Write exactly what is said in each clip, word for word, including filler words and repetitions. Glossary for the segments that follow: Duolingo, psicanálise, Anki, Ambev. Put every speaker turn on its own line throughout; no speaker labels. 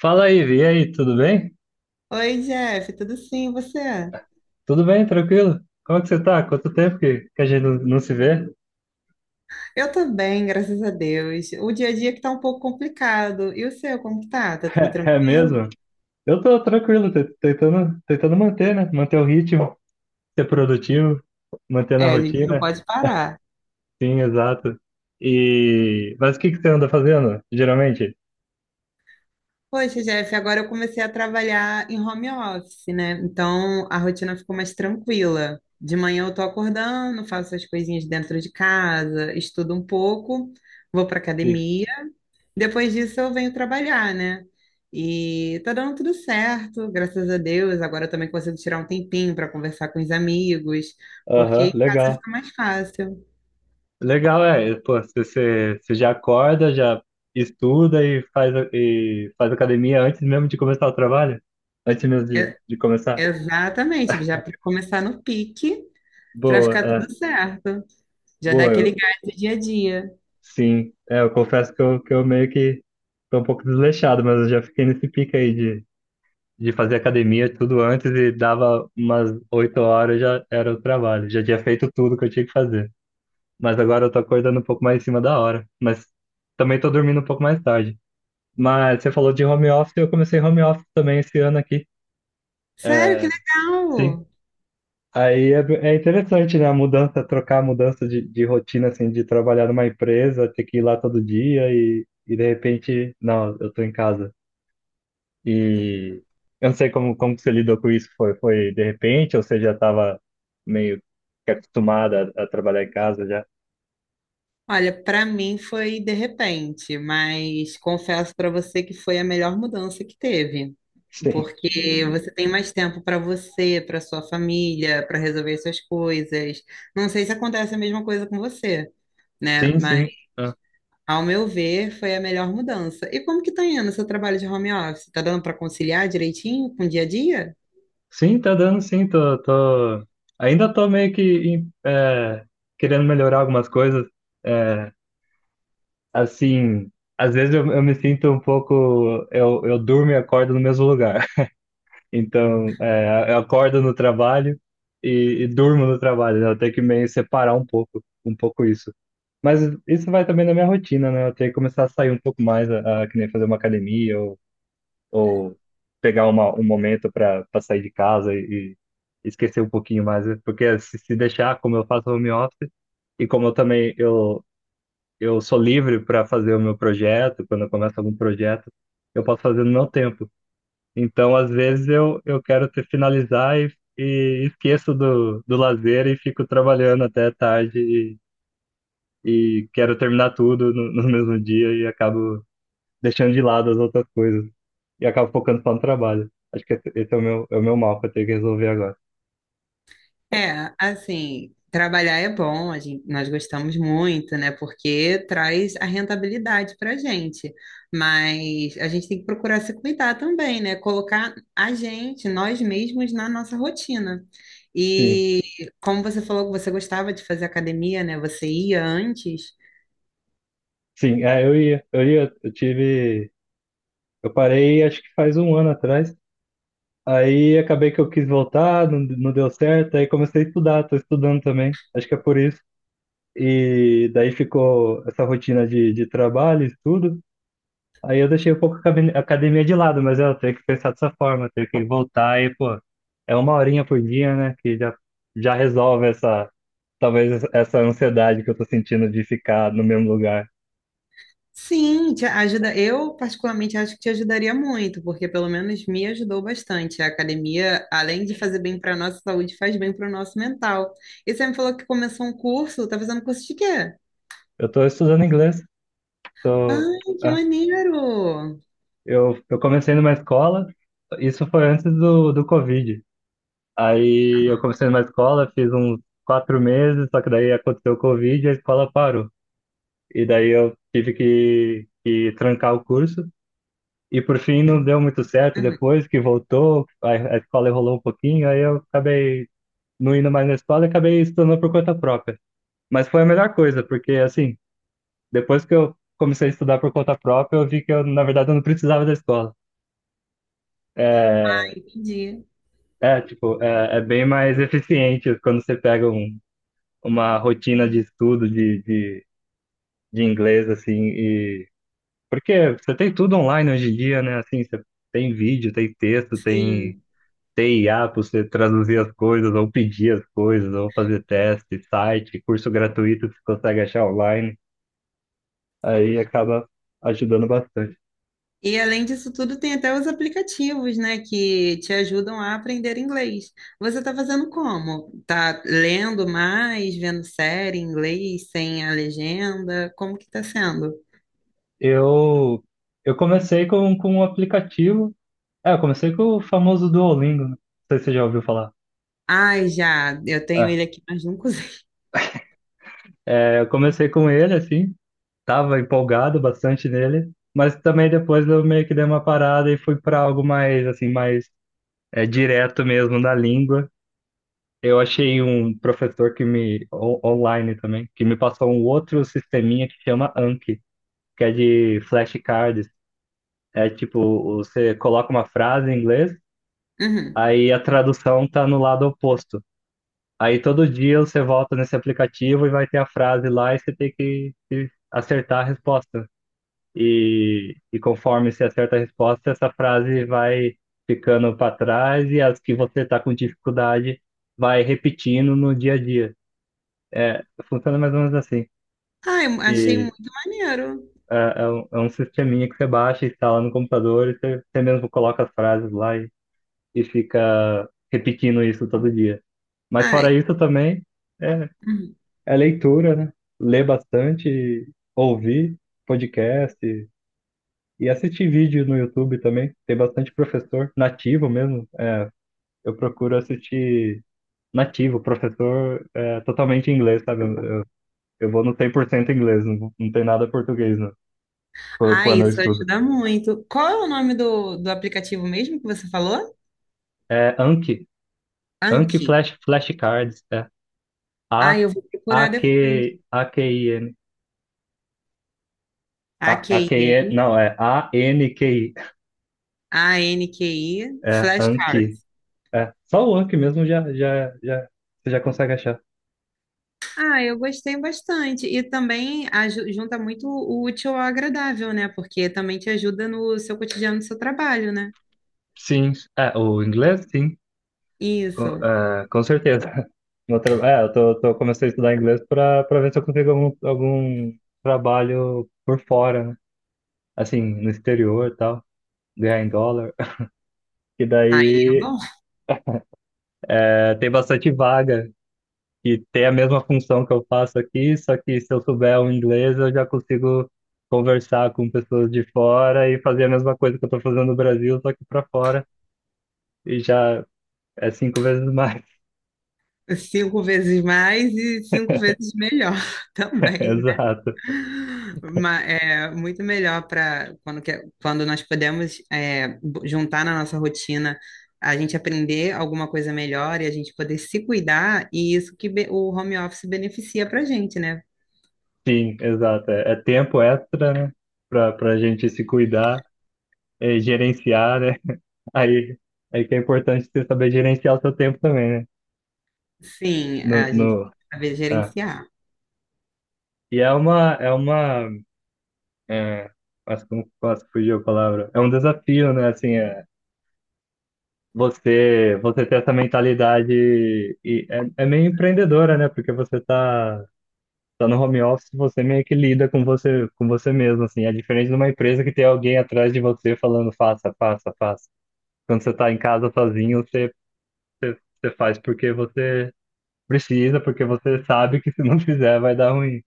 Fala aí, Vi. E aí, tudo bem?
Oi, Jeff, tudo sim, e você?
Tudo bem, tranquilo? Como é que você tá? Quanto tempo que, que a gente não, não se vê?
Eu tô bem, graças a Deus. O dia a dia que tá um pouco complicado. E o seu, como que tá? Tá tudo
É,
tranquilo?
mesmo? Eu tô tranquilo, te- tentando, tentando manter, né? Manter o ritmo, ser produtivo, mantendo a
É, a gente não
rotina.
pode parar.
Sim, exato. E mas o que que você anda fazendo, geralmente?
Poxa, Jeff, agora eu comecei a trabalhar em home office, né? Então a rotina ficou mais tranquila. De manhã eu tô acordando, faço as coisinhas dentro de casa, estudo um pouco, vou pra
Sim.
academia. Depois disso eu venho trabalhar, né? E tá dando tudo certo, graças a Deus. Agora eu também consigo tirar um tempinho para conversar com os amigos, porque
Aham,
em casa
legal.
fica mais fácil.
Legal, é. Pô, você, você você já acorda, já estuda e faz, e faz academia antes mesmo de começar o trabalho? Antes mesmo de,
É-
de começar?
Exatamente, já para começar no pique, para
Boa,
ficar
é.
tudo certo. Já dá
Boa,
aquele
eu,
gás do dia a dia.
sim. É, eu confesso que eu, que eu meio que tô um pouco desleixado, mas eu já fiquei nesse pique aí de, de fazer academia tudo antes e dava umas oito horas já era o trabalho. Já tinha feito tudo que eu tinha que fazer. Mas agora eu tô acordando um pouco mais em cima da hora. Mas também tô dormindo um pouco mais tarde. Mas você falou de home office, eu comecei home office também esse ano aqui.
Sério, que
É, sim,
legal!
aí é, é interessante, né? A mudança, trocar a mudança de, de rotina, assim, de trabalhar numa empresa, ter que ir lá todo dia e, e de repente, não, eu tô em casa. E eu não sei como, como que você lidou com isso. Foi, foi de repente ou você já estava meio que acostumada a, a trabalhar em casa já?
Olha, para mim foi de repente, mas confesso para você que foi a melhor mudança que teve,
Sim,
porque você tem mais tempo para você, para sua família, para resolver suas coisas. Não sei se acontece a mesma coisa com você, né?
sim, sim.
Mas
Ah.
ao meu ver, foi a melhor mudança. E como que tá indo o seu trabalho de home office? Tá dando para conciliar direitinho com o dia a dia?
Sim, tá dando sim. Tô, tô... Ainda tô meio que em- é, querendo melhorar algumas coisas. Assim, às vezes eu, eu me sinto um pouco. Eu, eu durmo e acordo no mesmo lugar. Então, é, eu acordo no trabalho e, e durmo no trabalho, né? Eu tenho que meio separar um pouco, um pouco isso. Mas isso vai também na minha rotina, né? Eu tenho que começar a sair um pouco mais, a, a, que nem fazer uma academia ou, ou pegar uma, um momento para sair de casa e, e esquecer um pouquinho mais. Né? Porque se, se deixar, como eu faço home office, e como eu também eu, eu sou livre para fazer o meu projeto, quando eu começo algum projeto, eu posso fazer no meu tempo. Então, às vezes, eu, eu quero te finalizar e, e esqueço do, do lazer e fico trabalhando até tarde e, e quero terminar tudo no, no mesmo dia e acabo deixando de lado as outras coisas e acabo focando só no trabalho. Acho que esse esse é o meu, é o meu mal que eu tenho que resolver agora.
É, assim, trabalhar é bom, a gente, nós gostamos muito, né? Porque traz a rentabilidade para gente. Mas a gente tem que procurar se cuidar também, né? Colocar a gente, nós mesmos, na nossa rotina.
Sim,
E como você falou que você gostava de fazer academia, né? Você ia antes.
sim, é, eu ia, eu ia, eu tive, eu parei acho que faz um ano atrás. Aí acabei que eu quis voltar, não, não deu certo, aí comecei a estudar, tô estudando também, acho que é por isso. E daí ficou essa rotina de, de trabalho, estudo. Aí eu deixei um pouco a academ- a academia de lado, mas eu tenho que pensar dessa forma, tenho que voltar e, pô, é uma horinha por dia, né, que já, já resolve essa, talvez essa ansiedade que eu tô sentindo de ficar no mesmo lugar.
Sim, te ajuda. Eu particularmente acho que te ajudaria muito, porque pelo menos me ajudou bastante. A academia, além de fazer bem para a nossa saúde, faz bem para o nosso mental. E você me falou que começou um curso, tá fazendo curso de quê?
Eu tô estudando inglês, tô,
Ai, que
é,
maneiro!
eu, eu comecei numa escola, isso foi antes do, do Covid. Aí eu comecei numa escola, fiz uns quatro meses, só que daí aconteceu o Covid e a escola parou. E daí eu tive que, que trancar o curso. E por fim não deu muito certo
Uhum,
depois que voltou, a, a escola enrolou um pouquinho, aí eu acabei não indo mais na escola e acabei estudando por conta própria. Mas foi a melhor coisa, porque assim, depois que eu comecei a estudar por conta própria, eu vi que eu, na verdade, eu não precisava da escola. É,
entendi.
é tipo, é, é bem mais eficiente quando você pega um uma rotina de estudo de, de, de inglês, assim, e... Porque você tem tudo online hoje em dia, né? Assim, você tem vídeo, tem texto, tem,
Sim.
tem I A para você traduzir as coisas, ou pedir as coisas, ou fazer teste, site, curso gratuito que você consegue achar online. Aí acaba ajudando bastante.
E além disso tudo, tem até os aplicativos, né, que te ajudam a aprender inglês. Você está fazendo como? Tá lendo mais, vendo série em inglês sem a legenda? Como que tá sendo?
Eu, eu comecei com, com um aplicativo. É, eu comecei com o famoso Duolingo, né? Não sei se você já ouviu falar.
Ai, já, eu tenho ele aqui, mas não usei.
É, eu comecei com ele, assim, tava empolgado bastante nele, mas também depois eu meio que dei uma parada e fui para algo mais assim, mais é, direto mesmo da língua. Eu achei um professor que me on- online também, que me passou um outro sisteminha que chama Anki, que é de flashcards. É tipo, você coloca uma frase em inglês,
Uhum.
aí a tradução tá no lado oposto. Aí todo dia você volta nesse aplicativo e vai ter a frase lá e você tem que que acertar a resposta. E, e conforme você acerta a resposta, essa frase vai ficando para trás e as que você está com dificuldade vai repetindo no dia a dia. É, funciona mais ou menos assim.
Ai, achei
E
muito maneiro.
é, é um, é um sisteminha que você baixa, instala no computador e você, você mesmo coloca as frases lá e, e fica repetindo isso todo dia. Mas fora
Ai,
isso também é,
uhum.
é leitura, né? Ler bastante, ouvir podcast, e assistir vídeo no YouTube também. Tem bastante professor nativo mesmo. Eu procuro assistir nativo, professor é, totalmente em inglês, sabe? Eu, eu, eu vou no cem por cento inglês, não, não tem nada português né, qu-
Ai,
quando eu
isso
estudo.
ajuda muito. Qual é o nome do, do aplicativo mesmo que você falou?
É Anki, Anki
Anki.
Flash, Flashcards, é A,
Ai, eu vou
A,
procurar depois.
Q, A, Q, I, N. A, A, Q, I,
A Q I N,
não, é A N Q I.
A N Q I,
É Anki.
flashcards.
É, só o Anki mesmo já, já, já, você já consegue achar.
Ah, eu gostei bastante. E também aju- junta muito o útil ao agradável, né? Porque também te ajuda no seu cotidiano, no seu trabalho, né?
Sim, é, o inglês, sim. Co-
Isso.
é, com certeza. Meu tra- é, eu tô, tô comecei a estudar inglês para para ver se eu consigo algum, algum trabalho por fora, né? Assim, no exterior e tal, ganhar em dólar. E
Aí é
daí
bom.
é, tem bastante vaga que tem a mesma função que eu faço aqui, só que se eu souber o inglês, eu já consigo conversar com pessoas de fora e fazer a mesma coisa que eu tô fazendo no Brasil, só que para fora. E já é cinco vezes mais.
Cinco vezes mais e cinco vezes melhor também, né?
Exato.
Ma- é muito melhor para quando, que- quando nós podemos é, bo- juntar na nossa rotina, a gente aprender alguma coisa melhor e a gente poder se cuidar, e isso que be- o home office beneficia para a gente, né?
Sim, exato. É, é tempo extra, né? Pra, pra gente se cuidar, é, gerenciar, né? Aí, aí que é importante você saber gerenciar o seu tempo também, né?
Sim,
No,
a gente
no,
saber
ah.
gerenciar.
E é uma, é uma, é, acho que não posso fugir a palavra. É um desafio, né? Assim, é, você, você ter essa mentalidade e é, é meio empreendedora, né? Porque você tá, tá no home office, você meio que lida com você, com você mesmo, assim. É diferente de uma empresa que tem alguém atrás de você falando faça, faça, faça. Quando você tá em casa sozinho, você, você faz porque você precisa, porque você sabe que se não fizer vai dar ruim.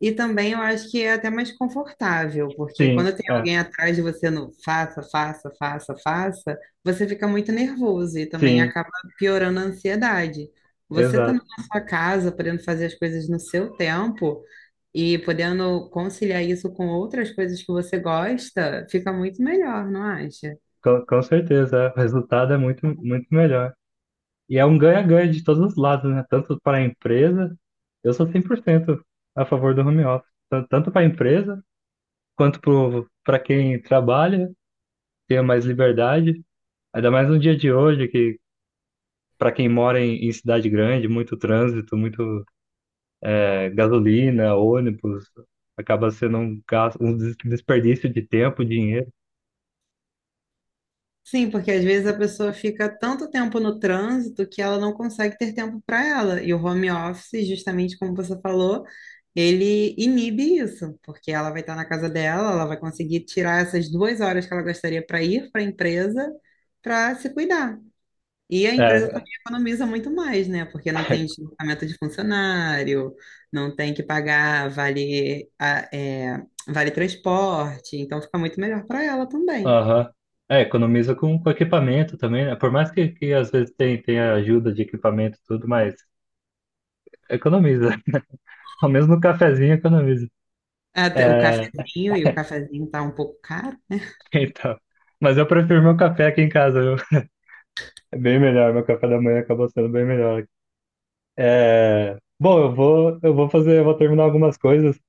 E também eu acho que é até mais confortável, porque
Sim,
quando tem
é.
alguém atrás de você no faça, faça, faça, faça, você fica muito nervoso e também
Sim,
acaba piorando a ansiedade. Você estando
exato.
na sua casa, podendo fazer as coisas no seu tempo e podendo conciliar isso com outras coisas que você gosta, fica muito melhor, não acha?
Com, com certeza. É. O resultado é muito, muito melhor. E é um ganha-ganha de todos os lados, né? Tanto para a empresa, eu sou cem por cento a favor do home office. Tan- Tanto para a empresa, quanto para quem trabalha, tenha mais liberdade. Ainda mais no dia de hoje, que para quem mora em, em cidade grande, muito trânsito, muito gasolina, ônibus, acaba sendo um gasto, um des- desperdício de tempo, dinheiro.
Sim, porque às vezes a pessoa fica tanto tempo no trânsito que ela não consegue ter tempo para ela. E o home office, justamente como você falou, ele inibe isso, porque ela vai estar na casa dela, ela vai conseguir tirar essas duas horas que ela gostaria para ir para a empresa para se cuidar. E a empresa
É,
também economiza muito mais, né? Porque não tem deslocamento de funcionário, não tem que pagar vale, a- é, vale transporte, então fica muito melhor para ela também.
aham. É, economiza com, com equipamento também, né? Por mais que, que às vezes tem, tenha ajuda de equipamento e tudo, mas economiza. Ao menos no cafezinho economiza.
Até o
É,
cafezinho, e o cafezinho tá um pouco caro.
então. Mas eu prefiro meu café aqui em casa, viu? É bem melhor, meu café da manhã acabou sendo bem melhor. É, bom, eu vou, eu vou fazer, eu vou terminar algumas coisas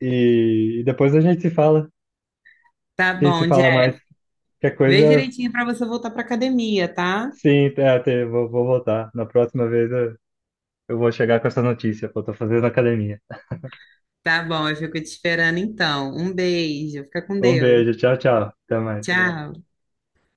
e, e depois a gente se fala.
Tá
A gente se
bom,
fala
Jeff.
mais. Qualquer
Vê
coisa,
direitinho pra você voltar pra academia, tá?
sim, é, te- vou, vou voltar. Na próxima vez eu, eu vou chegar com essa notícia, que eu tô fazendo academia.
Tá bom, eu fico te esperando então. Um beijo, fica com
Um
Deus.
beijo, tchau, tchau. Até mais.
Tá Tchau.